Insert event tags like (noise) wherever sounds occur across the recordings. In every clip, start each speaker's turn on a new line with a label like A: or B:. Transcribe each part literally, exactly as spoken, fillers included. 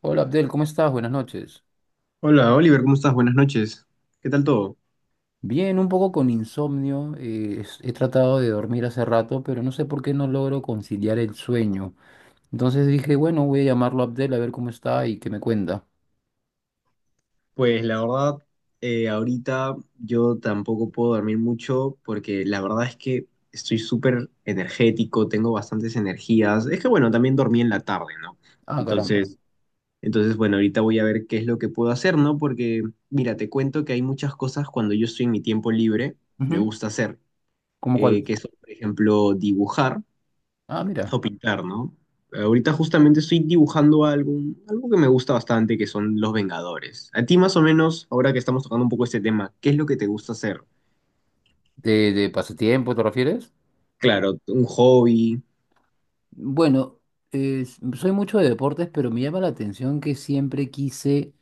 A: Hola Abdel, ¿cómo estás? Buenas noches.
B: Hola Oliver, ¿cómo estás? Buenas noches. ¿Qué tal todo?
A: Bien, un poco con insomnio. Eh, es- he tratado de dormir hace rato, pero no sé por qué no logro conciliar el sueño. Entonces dije, bueno, voy a llamarlo a Abdel a ver cómo está y qué me cuenta.
B: Pues la verdad, eh, ahorita yo tampoco puedo dormir mucho porque la verdad es que estoy súper energético, tengo bastantes energías. Es que bueno, también dormí en la tarde, ¿no?
A: Ah, caramba.
B: Entonces, entonces bueno, ahorita voy a ver qué es lo que puedo hacer, ¿no? Porque mira, te cuento que hay muchas cosas cuando yo estoy en mi tiempo libre, me
A: Ujú.
B: gusta hacer,
A: ¿Cómo cuál?
B: eh, que son, por ejemplo, dibujar.
A: Ah, mira.
B: O pintar, ¿no? Ahorita justamente estoy dibujando algo, algo que me gusta bastante, que son los Vengadores. A ti más o menos, ahora que estamos tocando un poco este tema, ¿qué es lo que te gusta hacer?
A: ¿De, de pasatiempo te refieres?
B: Claro, un hobby.
A: Bueno, eh, s- soy mucho de deportes, pero me llama la atención que siempre quise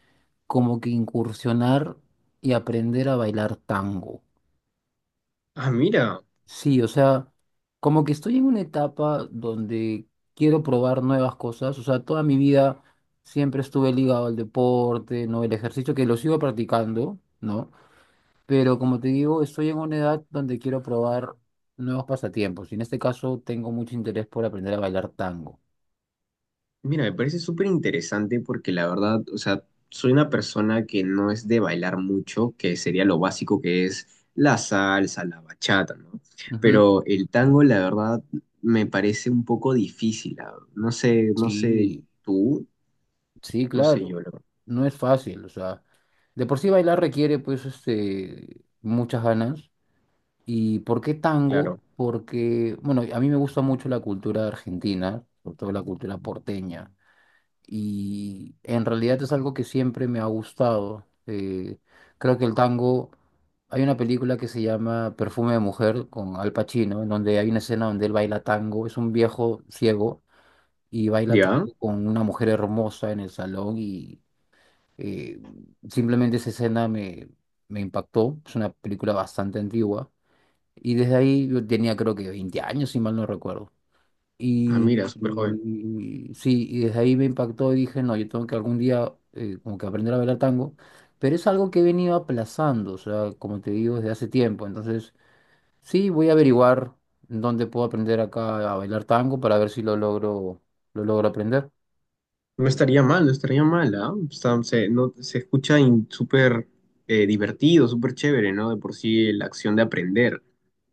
A: como que incursionar y aprender a bailar tango.
B: Ah, mira,
A: Sí, o sea, como que estoy en una etapa donde quiero probar nuevas cosas, o sea, toda mi vida siempre estuve ligado al deporte, ¿no? El ejercicio que lo sigo practicando, ¿no? Pero como te digo, estoy en una edad donde quiero probar nuevos pasatiempos y en este caso tengo mucho interés por aprender a bailar tango.
B: mira, me parece súper interesante porque la verdad, o sea, soy una persona que no es de bailar mucho, que sería lo básico que es la salsa, la bachata, ¿no?
A: Ujú.
B: Pero el tango, la verdad, me parece un poco difícil. ah, No sé, no sé
A: Sí,
B: tú,
A: sí,
B: no sé
A: claro,
B: yo, la verdad.
A: no es fácil, o sea, de por sí bailar requiere pues este, muchas ganas. ¿Y por qué tango?
B: Claro.
A: Porque, bueno, a mí me gusta mucho la cultura argentina, sobre todo la cultura porteña, y en realidad es algo que siempre me ha gustado. Eh, creo que el tango, hay una película que se llama Perfume de Mujer con Al Pacino, en donde hay una escena donde él baila tango, es un viejo ciego y baila
B: Ya,
A: tango con una mujer hermosa en el salón y eh, simplemente esa escena me, me impactó, es una película bastante antigua. Y desde ahí yo tenía creo que veinte años, si mal no recuerdo.
B: ah,
A: Y,
B: mira, súper joven.
A: y- sí, y desde ahí me impactó y dije, no, yo tengo que algún día eh, como que aprender a bailar tango, pero es algo que he venido aplazando, o sea, como te digo, desde hace tiempo. Entonces, sí, voy a averiguar en dónde puedo aprender acá a bailar tango para ver si lo logro, lo logro aprender.
B: No estaría mal, no estaría mal, ¿ah? O sea, se, no, se escucha in- súper eh, divertido, súper chévere, ¿no? De por sí la acción de aprender.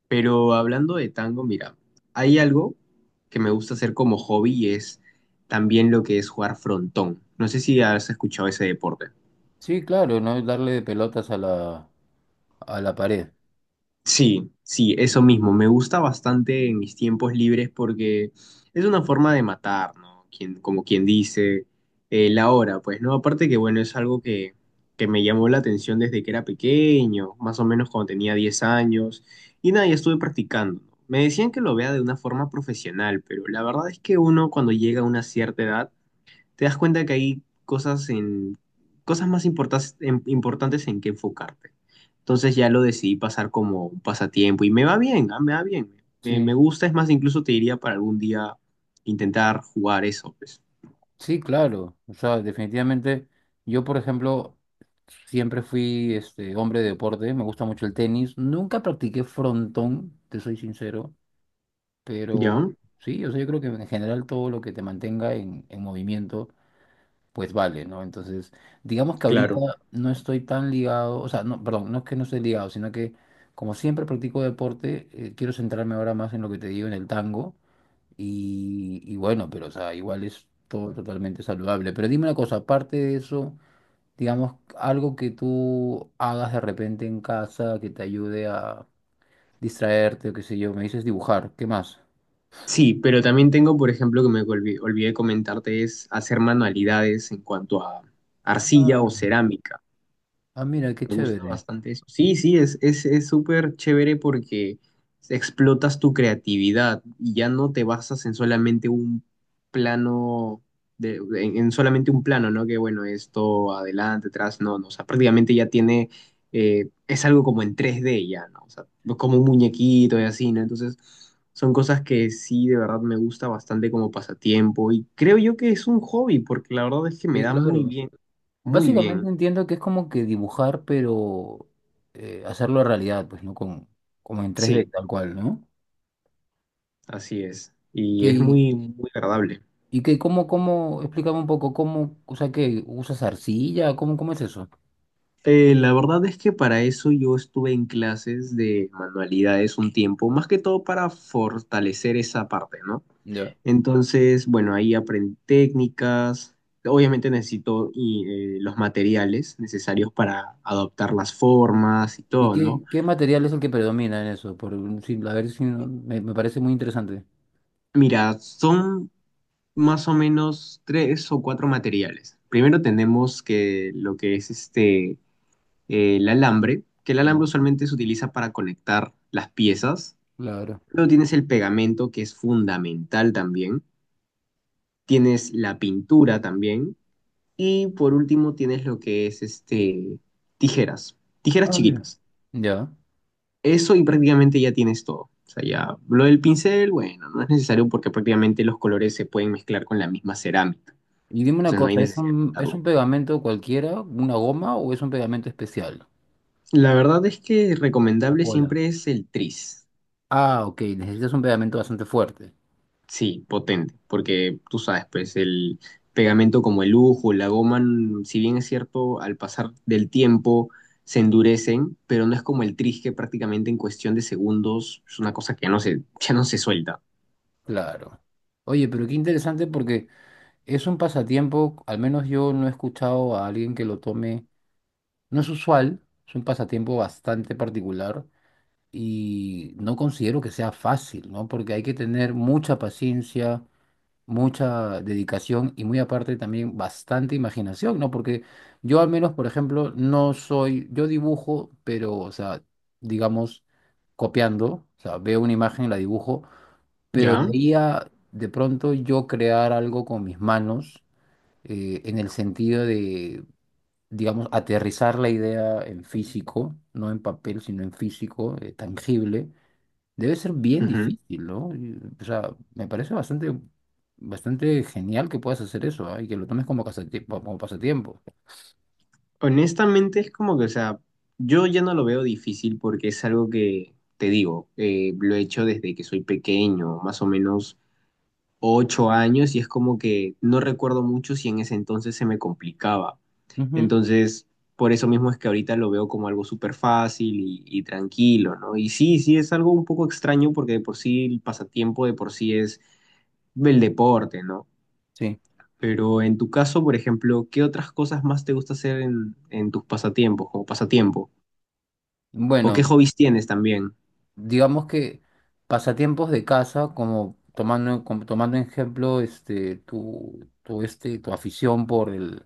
B: Pero hablando de tango, mira, hay algo que me gusta hacer como hobby y es también lo que es jugar frontón. No sé si has escuchado ese deporte.
A: Sí, claro, no es darle de pelotas a la, a la pared.
B: Sí, sí, eso mismo. Me gusta bastante en mis tiempos libres porque es una forma de matar, ¿no? Quien, como quien dice, eh, la hora, pues, ¿no? Aparte que, bueno, es algo que, que me llamó la atención desde que era pequeño, más o menos cuando tenía diez años, y nada, ya estuve practicando. ¿No? Me decían que lo vea de una forma profesional, pero la verdad es que uno cuando llega a una cierta edad, te das cuenta que hay cosas en cosas más importas- en- importantes en que enfocarte. Entonces ya lo decidí pasar como un pasatiempo y me va bien, ah, me va bien. Me, me
A: Sí.
B: gusta, es más, incluso te diría para algún día intentar jugar eso, pues.
A: Sí, claro. O sea, definitivamente, yo, por ejemplo, siempre fui este hombre de deporte, me gusta mucho el tenis. Nunca practiqué frontón, te soy sincero, pero
B: ¿Ya?
A: sí, o sea, yo creo que en general todo lo que te mantenga en, en movimiento, pues vale, ¿no? Entonces, digamos que ahorita
B: Claro.
A: no estoy tan ligado, o sea, no, perdón, no es que no esté ligado, sino que como siempre practico deporte, eh, quiero centrarme ahora más en lo que te digo, en el tango. Y, y bueno, pero o sea, igual es todo totalmente saludable. Pero dime una cosa, aparte de eso, digamos, algo que tú hagas de repente en casa que te ayude a distraerte o qué sé yo, me dices dibujar, ¿qué más?
B: Sí, pero también tengo, por ejemplo, que me olvi- olvidé, comentarte, es hacer manualidades en cuanto a
A: Ah,
B: arcilla o cerámica.
A: ah, mira, qué
B: Me gusta
A: chévere.
B: bastante eso. Sí, sí, es, es, es súper chévere porque explotas tu creatividad y ya no te basas en solamente un plano, de, en, en solamente un plano, ¿no? Que bueno, esto adelante, atrás, no, no. O sea, prácticamente ya tiene, eh, es algo como en tres d ya, ¿no? O sea, como un muñequito y así, ¿no? Entonces, son cosas que sí, de verdad me gusta bastante como pasatiempo y creo yo que es un hobby porque la verdad es que me
A: Sí,
B: da muy
A: claro.
B: bien, muy bien.
A: Básicamente entiendo que es como que dibujar, pero eh, hacerlo realidad, pues, ¿no? Con, como en tres d
B: Sí.
A: tal cual, ¿no?
B: Así es,
A: Que,
B: y es
A: y
B: muy, muy agradable.
A: y que, ¿cómo, cómo, explícame un poco, cómo, o sea, que usas arcilla, ¿cómo, cómo es eso?
B: Eh, la verdad es que para eso yo estuve en clases de manualidades un tiempo, más que todo para fortalecer esa parte, ¿no? Entonces, bueno, ahí aprendí técnicas, obviamente necesito y, eh, los materiales necesarios para adoptar las formas y
A: ¿Y
B: todo, ¿no?
A: qué, qué material es el que predomina en eso? Por, un- sí, a ver si no- me, me parece muy interesante.
B: Mira, son más o menos tres o cuatro materiales. Primero tenemos que lo que es este eh, el alambre, que el alambre
A: Ujú.
B: usualmente se utiliza para conectar las piezas.
A: Claro.
B: Luego tienes el pegamento, que es fundamental también. Tienes la pintura también. Y por último tienes lo que es este, tijeras, tijeras
A: Ah, mira.
B: chiquitas.
A: Ya.
B: Eso y prácticamente ya tienes todo. O sea, ya lo del pincel, bueno, no es necesario porque prácticamente los colores se pueden mezclar con la misma cerámica.
A: Y dime una
B: Entonces no hay
A: cosa, ¿es
B: necesidad de
A: un, es
B: pintarlo.
A: un pegamento cualquiera, una goma o es un pegamento especial?
B: La verdad es que
A: O
B: recomendable
A: cola.
B: siempre es el tris.
A: Ah, ok, necesitas un pegamento bastante fuerte.
B: Sí, potente, porque tú sabes, pues el pegamento como el lujo, la goma, n- si bien es cierto, al pasar del tiempo se endurecen, pero no es como el tris que prácticamente en cuestión de segundos es una cosa que no se, (laughs) ya no se suelta,
A: Claro. Oye, pero qué interesante porque es un pasatiempo, al menos yo no he escuchado a alguien que lo tome, no es usual, es un pasatiempo bastante particular y no considero que sea fácil, ¿no? Porque hay que tener mucha paciencia, mucha dedicación y muy aparte también bastante imaginación, ¿no? Porque yo al menos, por ejemplo, no soy, yo dibujo, pero, o sea, digamos, copiando, o sea, veo una imagen y la dibujo, pero de
B: ¿ya?
A: ahí a de pronto yo crear algo con mis manos, eh, en el sentido de... digamos, aterrizar la idea en físico, no en papel, sino en físico, eh, tangible, debe ser bien
B: Ujú.
A: difícil, ¿no? Y, O sea, me parece bastante, bastante genial que puedas hacer eso, ¿ah? Y que lo tomes como, casati- como pasatiempo.
B: Honestamente es como que, o sea, yo ya no lo veo difícil porque es algo que, te digo, eh, lo he hecho desde que soy pequeño, más o menos ocho años, y es como que no recuerdo mucho si en ese entonces se me complicaba.
A: Ujú,
B: Entonces, por eso mismo es que ahorita lo veo como algo súper fácil y, y tranquilo, ¿no? Y sí, sí, es algo un poco extraño porque de por sí el pasatiempo de por sí es el deporte, ¿no?
A: sí.
B: Pero en tu caso, por ejemplo, ¿qué otras cosas más te gusta hacer en, en tus pasatiempos, como pasatiempo? ¿O
A: Bueno,
B: qué hobbies tienes también?
A: digamos que pasatiempos de casa, como tomando, como tomando en ejemplo este, tu, tu, este, tu afición por el,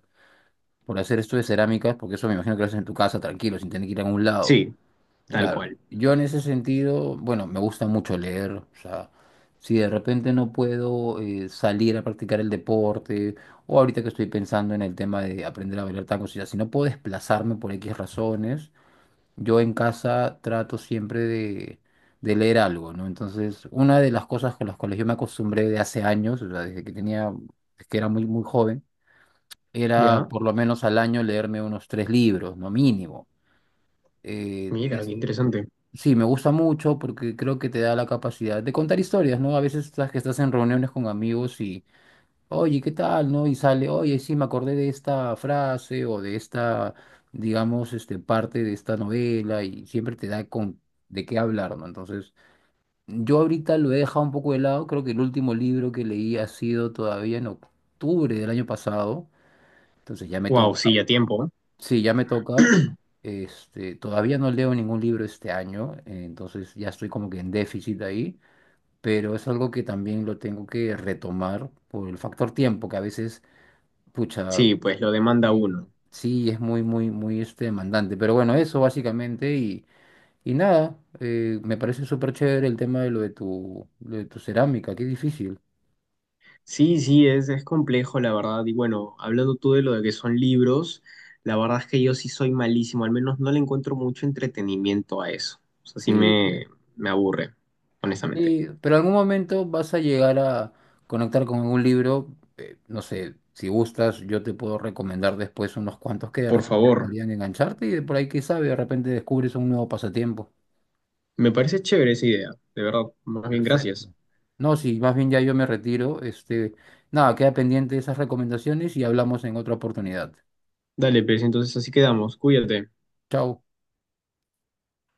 A: por hacer esto de cerámicas, porque eso me imagino que lo haces en tu casa tranquilo, sin tener que ir a ningún lado.
B: Sí, tal
A: Claro,
B: cual.
A: yo en ese sentido, bueno, me gusta mucho leer, o sea, si de repente no puedo eh, salir a practicar el deporte, o ahorita que estoy pensando en el tema de aprender a bailar tango, o sea, si no puedo desplazarme por X razones, yo en casa trato siempre de, de leer algo, ¿no? Entonces, una de las cosas con las cuales yo me acostumbré de hace años, o sea, desde que tenía, desde que era muy, muy joven, era
B: Ya,
A: por lo menos al año leerme unos tres libros, no mínimo. eh,
B: mira, qué interesante.
A: Sí, me gusta mucho porque creo que te da la capacidad de contar historias, ¿no? A veces estás que estás en reuniones con amigos y, oye, ¿qué tal? ¿No? Y sale, oye, sí, me acordé de esta frase o de esta, digamos, este, parte de esta novela y siempre te da con de qué hablar, ¿no? Entonces, yo ahorita lo he dejado un poco de lado, creo que el último libro que leí ha sido todavía en octubre del año pasado, entonces ya me
B: Wow,
A: toca.
B: sí, a tiempo.
A: Sí, ya me toca. Este, todavía no leo ningún libro este año, eh, entonces ya estoy como que en déficit ahí, pero es algo que también lo tengo que retomar por el factor tiempo, que a veces, pucha,
B: Sí, pues lo demanda
A: eh,
B: uno.
A: sí, es muy, muy, muy este, demandante. Pero bueno, eso básicamente y, y nada, eh, me parece súper chévere el tema de lo de tu, lo de tu cerámica, qué difícil.
B: Sí, sí, es, es complejo, la verdad. Y bueno, hablando tú de lo de que son libros, la verdad es que yo sí soy malísimo, al menos no le encuentro mucho entretenimiento a eso. O sea, sí
A: Sí,
B: me, me aburre, honestamente.
A: sí, pero en algún momento vas a llegar a conectar con un libro, eh, no sé, si gustas, yo te puedo recomendar después unos cuantos que de
B: Por
A: repente
B: favor,
A: podrían engancharte y de por ahí, quién sabe, de repente descubres un nuevo pasatiempo.
B: me parece chévere esa idea, de verdad. Más bien, gracias.
A: Perfecto. No, sí, más bien ya yo me retiro. Este, nada, queda pendiente esas recomendaciones y hablamos en otra oportunidad.
B: Dale, pues entonces así quedamos. Cuídate.
A: Chao.